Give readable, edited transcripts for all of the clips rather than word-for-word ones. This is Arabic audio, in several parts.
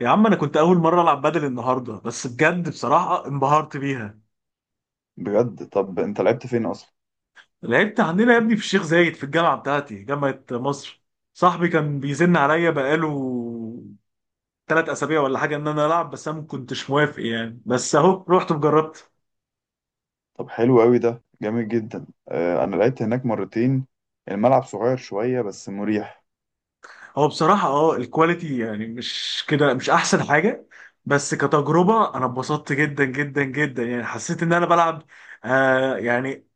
يا عم انا كنت اول مره العب بدل النهارده، بس بجد بصراحه انبهرت بيها. بجد، طب انت لعبت فين اصلا؟ لعبت عندنا يا ابني في الشيخ زايد، في الجامعه بتاعتي، جامعه مصر. صاحبي كان بيزن عليا بقاله 3 اسابيع ولا حاجه ان انا العب، بس انا ما كنتش موافق يعني، بس اهو رحت وجربت. طب حلو قوي، ده جامد جدا. انا لعبت هناك مرتين. الملعب صغير شويه بس مريح. هو بصراحه الكواليتي يعني مش كده، مش احسن حاجه. بس كتجربه انا اتبسطت جدا جدا جدا، يعني حسيت ان انا بلعب يعني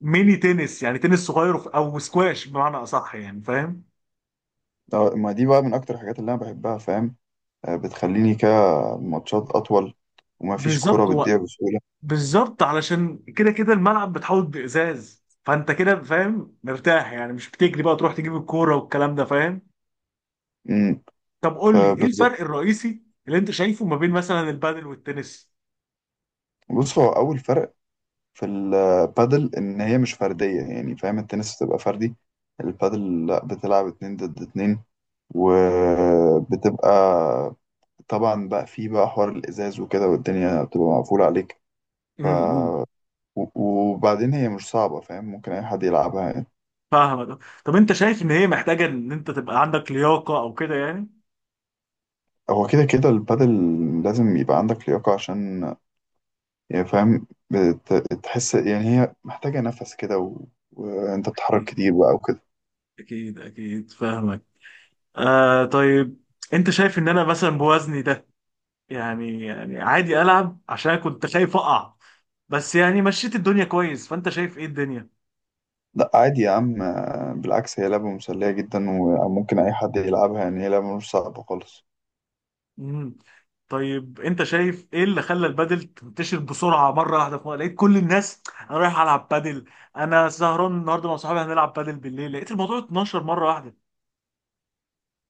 ميني تنس، يعني تنس صغير او سكواش بمعنى اصح، يعني فاهم. ما دي بقى من اكتر الحاجات اللي انا بحبها، فاهم؟ بتخليني كده، ماتشات اطول، وما فيش كرة بالظبط بتضيع بسهوله. بالظبط، علشان كده كده الملعب بتحوط بإزاز، فانت كده فاهم، مرتاح يعني، مش بتجري بقى تروح تجيب الكورة والكلام ده، فاهم؟ امم. طب قول لي، ايه بالظبط. الفرق الرئيسي اللي انت شايفه ما بين مثلا البادل والتنس؟ بص، هو اول فرق في البادل ان هي مش فرديه، يعني فاهم؟ التنس بتبقى فردي. البادل لا، بتلعب اتنين ضد اتنين. وبتبقى طبعا بقى في بقى حوار الازاز وكده، والدنيا بتبقى مقفوله عليك. ف امم، و- وبعدين هي مش صعبه، فاهم؟ ممكن اي حد يلعبها يعني. فاهمك. طب انت شايف ان هي محتاجة ان انت تبقى عندك لياقة او كده يعني؟ هو كده كده البادل، لازم يبقى عندك لياقه عشان يعني فاهم، تحس يعني هي محتاجه نفس كده، وانت بتتحرك اكيد، كتير بقى وكده. اكيد اكيد، فاهمك. آه طيب، انت شايف ان انا مثلا بوزني ده، يعني يعني عادي العب؟ عشان كنت خايف اقع، بس يعني مشيت الدنيا كويس، فانت شايف ايه الدنيا؟ لا، عادي يا عم، بالعكس هي لعبه مسليه جدا وممكن اي حد يلعبها، يعني هي لعبه مش صعبه خالص. مم. طيب انت شايف ايه اللي خلى البادل تنتشر بسرعه مره واحده؟ في مرة لقيت كل الناس: انا رايح العب بادل، انا سهران النهارده مع صحابي هنلعب بادل بالليل. لقيت الموضوع اتنشر مره واحده.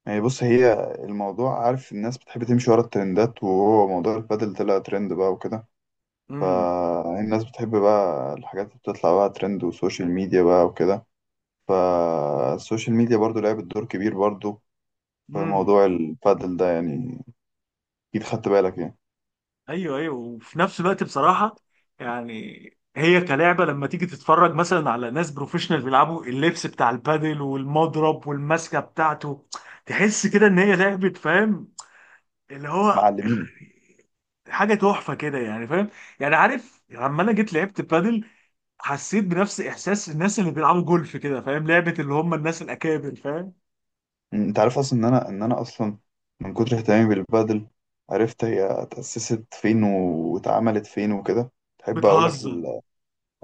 يعني بص، هي الموضوع، عارف، الناس بتحب تمشي ورا الترندات، وهو موضوع البادل طلع ترند بقى وكده. فالناس بتحب بقى الحاجات اللي بتطلع بقى ترند وسوشيال ميديا بقى وكده. فالسوشيال ميديا برضو لعبت دور كبير برضو في امم. موضوع البادل ده يعني. أكيد خدت بالك يعني. ايوه ايوه، وفي نفس الوقت بصراحه يعني، هي كلعبه لما تيجي تتفرج مثلا على ناس بروفيشنال بيلعبوا، اللبس بتاع البادل والمضرب والماسكه بتاعته، تحس كده ان هي لعبه، فاهم؟ اللي هو معلمين. حاجه تحفه كده، يعني فاهم. يعني عارف لما انا جيت لعبت بادل، حسيت بنفس احساس الناس اللي بيلعبوا جولف كده، فاهم؟ لعبه اللي هم الناس الاكابر، فاهم؟ أنت عارف أصلا إن أنا أصلا من كتر اهتمامي بالبادل عرفت هي اتأسست فين واتعملت فين وكده. تحب أقول لك بتهزر؟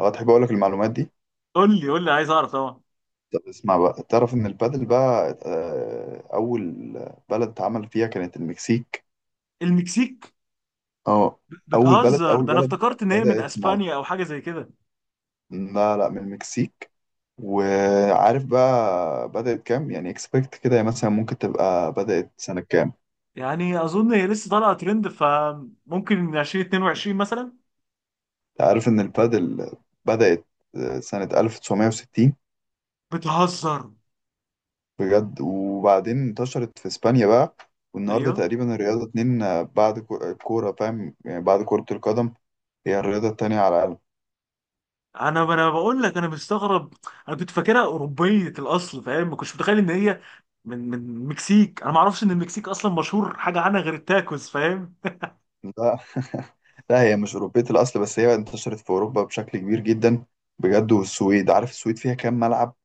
أه، تحب أقول لك المعلومات دي؟ قول لي قول لي، عايز اعرف طبعا. طب اسمع بقى، تعرف إن البادل بقى أول بلد اتعمل فيها كانت المكسيك. المكسيك؟ اه. اول بلد بتهزر، اول ده انا بلد افتكرت ان هي من بدأت مع اسبانيا او حاجه زي كده. لا، لا، من المكسيك. وعارف بقى بدأت كام، يعني اكسبكت كده، يعني مثلا ممكن تبقى بدأت سنة كام؟ يعني اظن هي لسه طالعه ترند، فممكن 2022 مثلا. أنت عارف ان البادل بدأت سنة 1960. بتهزر. بجد. وبعدين انتشرت في اسبانيا بقى، والنهارده ايوه، تقريبا الرياضة اتنين، بعد الكورة، فاهم؟ يعني بعد كرة القدم. هي الرياضة التانية على. انا بقول لك انا مستغرب، انا كنت فاكرها اوروبيه الاصل فاهم، ما كنتش متخيل ان هي من المكسيك. انا ما اعرفش ان المكسيك اصلا مشهور حاجه عنها غير التاكوز، فاهم. لا، لا، هي مش أوروبية الأصل، بس هي انتشرت في أوروبا بشكل كبير جدا. بجد، والسويد، عارف السويد فيها كام ملعب؟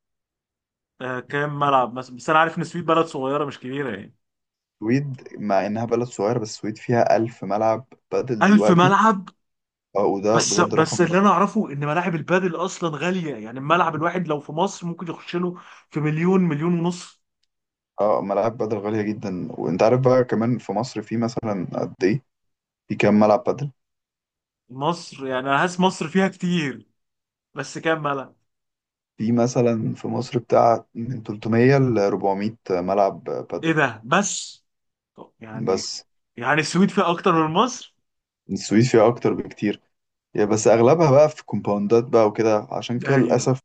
آه، كام ملعب مثلا؟ بس انا عارف ان السويد بلد صغيره مش كبيره يعني. السويد مع إنها بلد صغيرة، بس السويد فيها 1000 ملعب بدل 1000 دلوقتي. ملعب؟ اه، وده بس بجد رقم بس ده. اللي انا اعرفه ان ملاعب البادل اصلا غاليه يعني، الملعب الواحد لو في مصر ممكن يخش له في مليون، مليون ونص. اه، ملاعب بدل غالية جدا. وأنت عارف بقى كمان في مصر في مثلا قد إيه؟ في كام ملعب بدل؟ مصر يعني انا حاسس مصر فيها كتير، بس كام بلد؟ في مثلا في مصر بتاع من 300 ل 400 ملعب ايه بدل. ده بس؟ طب يعني، بس يعني السويد فيها اكتر من مصر. السويد فيها أكتر بكتير. يعني بس أغلبها بقى في كومباوندات بقى وكده، عشان كده ايوه. للأسف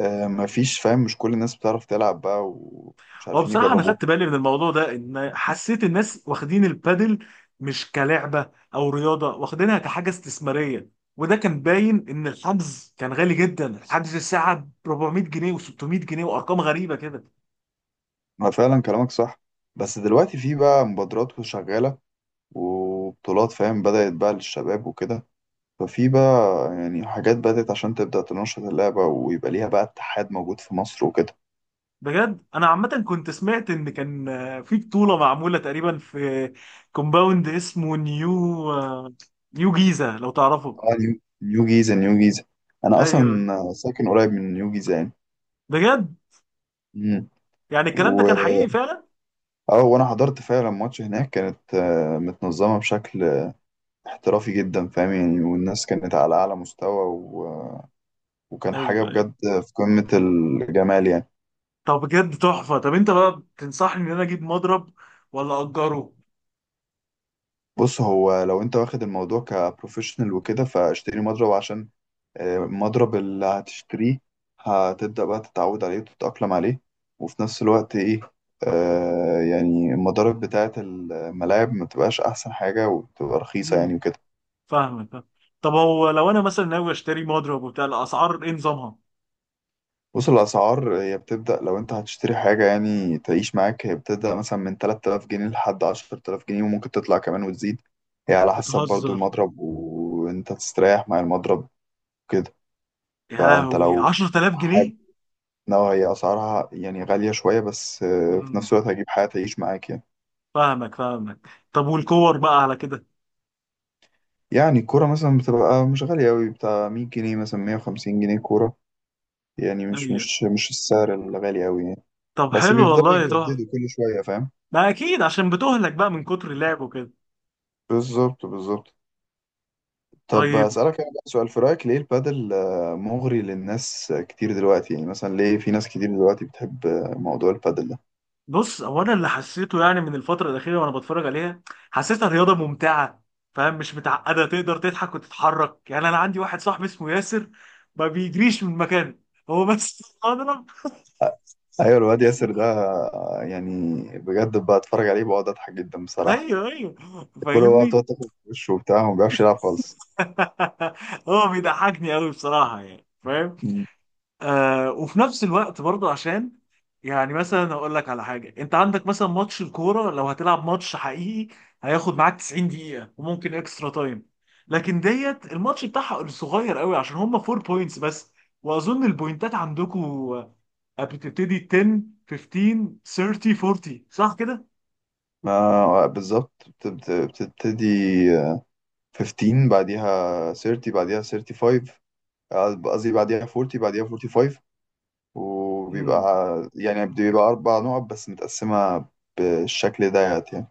مفيش، فاهم؟ مش كل الناس بتعرف تلعب بقى ومش هو عارفين بصراحه انا يجربوها. خدت بالي من الموضوع ده، ان حسيت الناس واخدين البادل مش كلعبه او رياضه، واخدينها كحاجه استثماريه. وده كان باين ان الحجز كان غالي جدا، الحجز الساعه ب 400 جنيه و600 جنيه وارقام غريبه كده. ما فعلا كلامك صح. بس دلوقتي في بقى مبادرات شغالة وبطولات، فاهم؟ بدأت بقى للشباب وكده. ففي بقى يعني حاجات بدأت عشان تبدأ تنشط اللعبة، ويبقى ليها بقى اتحاد موجود في مصر وكده. بجد. انا عامه كنت سمعت ان كان في بطوله معموله تقريبا في كومباوند اسمه نيو جيزه، لو تعرفه. اه، نيو جيزة، نيو جيزة. أنا أصلا ايوه. ساكن قريب من نيو جيزة يعني. بجد؟ مم. يعني الكلام ده و... كان حقيقي فعلا. اه، وانا حضرت فعلا ماتش هناك، كانت متنظمة بشكل احترافي جدا، فاهم؟ يعني والناس كانت على أعلى مستوى وكان حاجة ايوه ايوه. بجد في قمة الجمال يعني. طب بجد تحفه. طب انت بقى تنصحني ان انا اجيب مضرب ولا اجره؟ بص، هو لو انت واخد الموضوع كبروفيشنال وكده فاشتري مضرب عشان المضرب اللي هتشتريه هتبدأ بقى تتعود عليه وتتأقلم عليه. وفي نفس الوقت ايه، يعني المضارب بتاعة الملاعب ما تبقاش أحسن حاجة وتبقى رخيصة امم، يعني وكده. فاهمك فاهم. طب هو لو انا مثلا ناوي اشتري مضرب وبتاع، الاسعار ايه نظامها؟ بص، الأسعار هي بتبدأ لو أنت هتشتري حاجة يعني تعيش معاك، هي بتبدأ مثلا من 3000 جنيه لحد 10000 جنيه، وممكن تطلع كمان وتزيد. هي على حسب برضو بتهزر. المضرب وأنت تستريح مع المضرب كده. يا فأنت لهوي، لو 10000 حاجة جنيه نوع، هي أسعارها يعني غالية شوية، بس في امم، نفس الوقت هجيب حاجة تعيش معاك يعني. فاهمك فاهمك. طب والكور بقى على كده؟ يعني الكورة مثلا بتبقى مش غالية أوي، بتاع 100 جنيه، مثلا 150 جنيه كورة. يعني مش أيوه. مش مش السعر الغالي أوي يعني. طب بس حلو بيفضلوا والله، تحفة. يجددوا كل شوية، فاهم؟ ما اكيد، عشان بتهلك بقى من كتر اللعب وكده. بالظبط، بالظبط. طب طيب أسألك أنا بقى سؤال، في رأيك ليه البادل مغري للناس كتير دلوقتي؟ يعني مثلا ليه في ناس كتير دلوقتي بتحب موضوع البادل ده؟ بص، هو انا اللي حسيته يعني من الفترة الأخيرة وانا بتفرج عليها، حسيتها رياضة ممتعة، فاهم؟ مش متعقدة، تقدر تضحك وتتحرك. يعني انا عندي واحد صاحبي اسمه ياسر، ما بيجريش من مكانه، هو بس اضرب. أيوة، الواد ياسر ده يعني بجد بقى أتفرج عليه بقعد أضحك جدا بصراحة. ايوه ايوه، كله بقى فاهمني. بتقعد تاخد في وشه وبتاع وما بيعرفش يلعب خالص. هو بيضحكني قوي بصراحة، يعني فاهم. مم. وفي نفس الوقت برضه، عشان يعني مثلا هقول لك على حاجه: انت عندك مثلا ماتش الكوره، لو هتلعب ماتش حقيقي هياخد معاك 90 دقيقه وممكن اكسترا تايم. لكن ديت الماتش بتاعها صغير قوي، عشان هم 4 بوينتس بس. واظن البوينتات عندكم بتبتدي 10، 15، 30، 40، صح كده؟ ما بالظبط، بتبتدي آه، 15 بعديها 30 بعديها 35، قصدي بعديها 40 بعديها 45. امم. وبيبقى يعني بيبقى 4 نقط بس متقسمة بالشكل ديت يعني.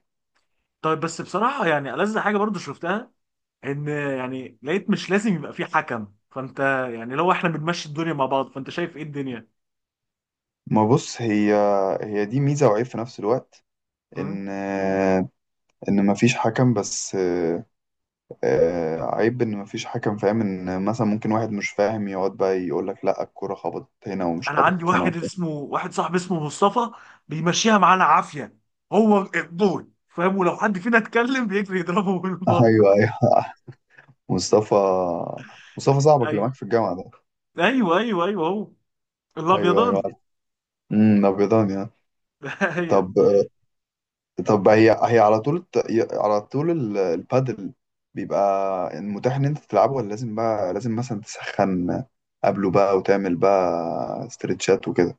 طيب بس بصراحه يعني، ألذ حاجه برضو شفتها، ان يعني لقيت مش لازم يبقى في حكم، فانت يعني لو احنا بنمشي الدنيا مع بعض، فانت شايف ايه الدنيا؟ ما بص، هي هي دي ميزة وعيب في نفس الوقت. مم. إن إن مفيش حكم، بس عيب إن مفيش حكم، فاهم؟ إن مثلا ممكن واحد مش فاهم يقعد بقى يقول لك لأ، الكرة خبطت هنا ومش انا عندي خبطت هنا وبتاع. واحد صاحبي اسمه مصطفى، بيمشيها معانا عافيه، هو الجول فاهم، ولو حد فينا اتكلم بيجري يضربه بالمضرب. أيوه، أيوه. مصطفى، مصطفى صاحبك اللي ايوه، معاك في الجامعة ده؟ ايوه ايوه ايوه، هو أيوه، أيوه، الابيضاني. عارف. أبيضان يعني. ايوه طب طب هي على طول على طول البادل بيبقى متاح ان انت تلعبه، ولا لازم بقى لازم مثلا تسخن قبله بقى وتعمل بقى استرتشات وكده؟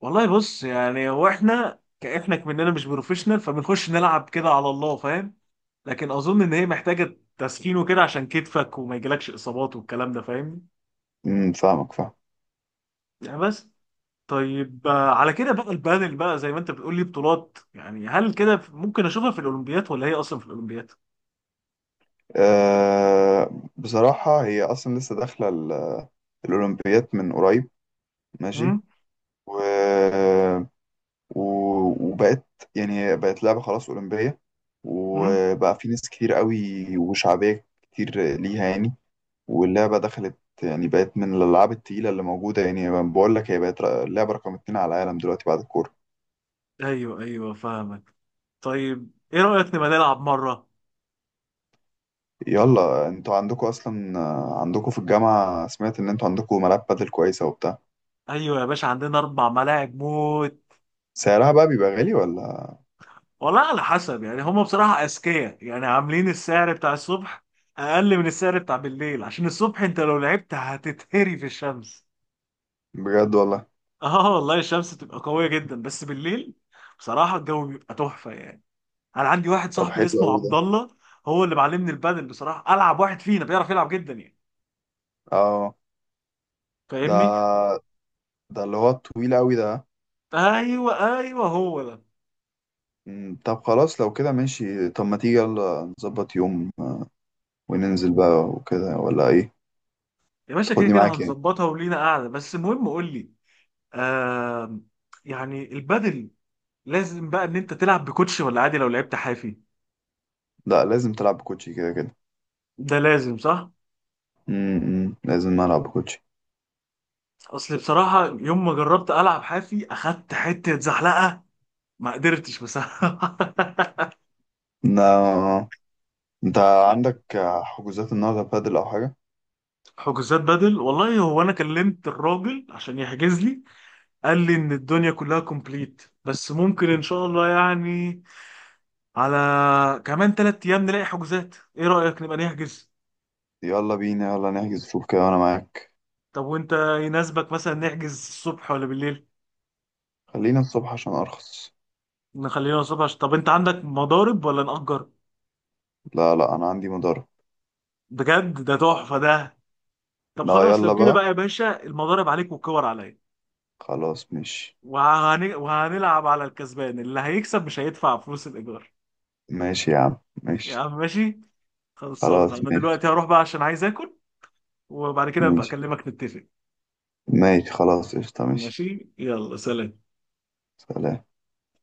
والله. بص يعني، هو احنا كاحنا مننا مش بروفيشنال، فبنخش نلعب كده على الله فاهم. لكن اظن ان هي محتاجه تسخين وكده، عشان كتفك وما يجيلكش اصابات والكلام ده، فاهمني. فاهمك، فاهم. يعني بس. طيب على كده بقى البادل، بقى زي ما انت بتقول لي بطولات يعني، هل كده ممكن اشوفها في الاولمبياد ولا هي اصلا في الاولمبياد؟ بصراحة هي أصلا لسه داخلة الأولمبيات من قريب. ماشي. امم. و... و... وبقت يعني بقت لعبة خلاص أولمبية، امم. وبقى في ناس كتير قوي وشعبية كتير ليها يعني. واللعبة دخلت يعني بقت من الألعاب التقيلة اللي موجودة، يعني بقول لك هي بقت اللعبة رقم اتنين على العالم دلوقتي بعد الكورة. ايوه ايوه، فاهمك. طيب ايه رايك نبقى نلعب مره؟ يلا، انتوا عندكوا أصلا عندكوا في الجامعة، سمعت إن انتوا عندكوا ملاعب بادل كويسة وبتاع. ايوه يا باشا، عندنا اربع ملاعب موت. سعرها بقى بيبقى غالي ولا؟ والله، على حسب يعني، هم بصراحه اذكياء يعني، عاملين السعر بتاع الصبح اقل من السعر بتاع بالليل، عشان الصبح انت لو لعبت هتتهري في الشمس. بجد والله. اه والله، الشمس تبقى قويه جدا، بس بالليل بصراحه الجو بيبقى تحفه يعني. انا عندي واحد طب صاحبي حلو اسمه أوي عبد ده. الله، هو اللي معلمني البادل بصراحه، العب واحد فينا بيعرف يلعب جدا يعني، اه، فاهمني. ده ده اللي هو الطويل أوي ده. ايوه ايوه، هو ده. طب خلاص لو كده ماشي. طب ما تيجي يلا نظبط يوم، وننزل بقى وكده ولا ايه؟ يا باشا كده تاخدني كده معاك يعني. هنظبطها ولينا قاعده، بس المهم قول لي، آه يعني البادل لازم بقى ان انت تلعب بكوتش ولا عادي لو لعبت حافي؟ لا، لازم تلعب بكوتشي كده كده. ده لازم صح؟ لازم ألعب بكوتشي. اصل بصراحه يوم ما جربت العب حافي، اخدت حته زحلقه، ما قدرتش بصراحه نا... انت عندك حجوزات النهارده بادل او حاجه؟ حجوزات بدل والله. هو انا كلمت الراجل عشان يحجز لي، قال لي ان الدنيا كلها كومبليت، بس ممكن ان شاء الله يعني على كمان 3 ايام نلاقي حجوزات. ايه رأيك نبقى نحجز؟ يلا بينا، يلا نحجز، شوف كده وانا معاك. طب وانت يناسبك مثلا نحجز الصبح ولا بالليل؟ خلينا الصبح عشان ارخص. نخلينا الصبح عشان. طب انت عندك مضارب ولا نأجر؟ لا، لا، انا عندي مدرب. بجد؟ ده تحفة ده. طب لا، خلاص يلا لو كده بقى، بقى يا باشا، المضارب عليك والكور عليا. خلاص ماشي. وهنلعب على الكسبان، اللي هيكسب مش هيدفع فلوس الإيجار. ماشي يا عم، يا ماشي. عم ماشي. خلصان، خلاص انا ماشي، دلوقتي هروح بقى عشان عايز اكل، وبعد كده ابقى ماشي، اكلمك نتفق. ماشي. خلاص قشطة، ماشي. ماشي، يلا سلام. سلام.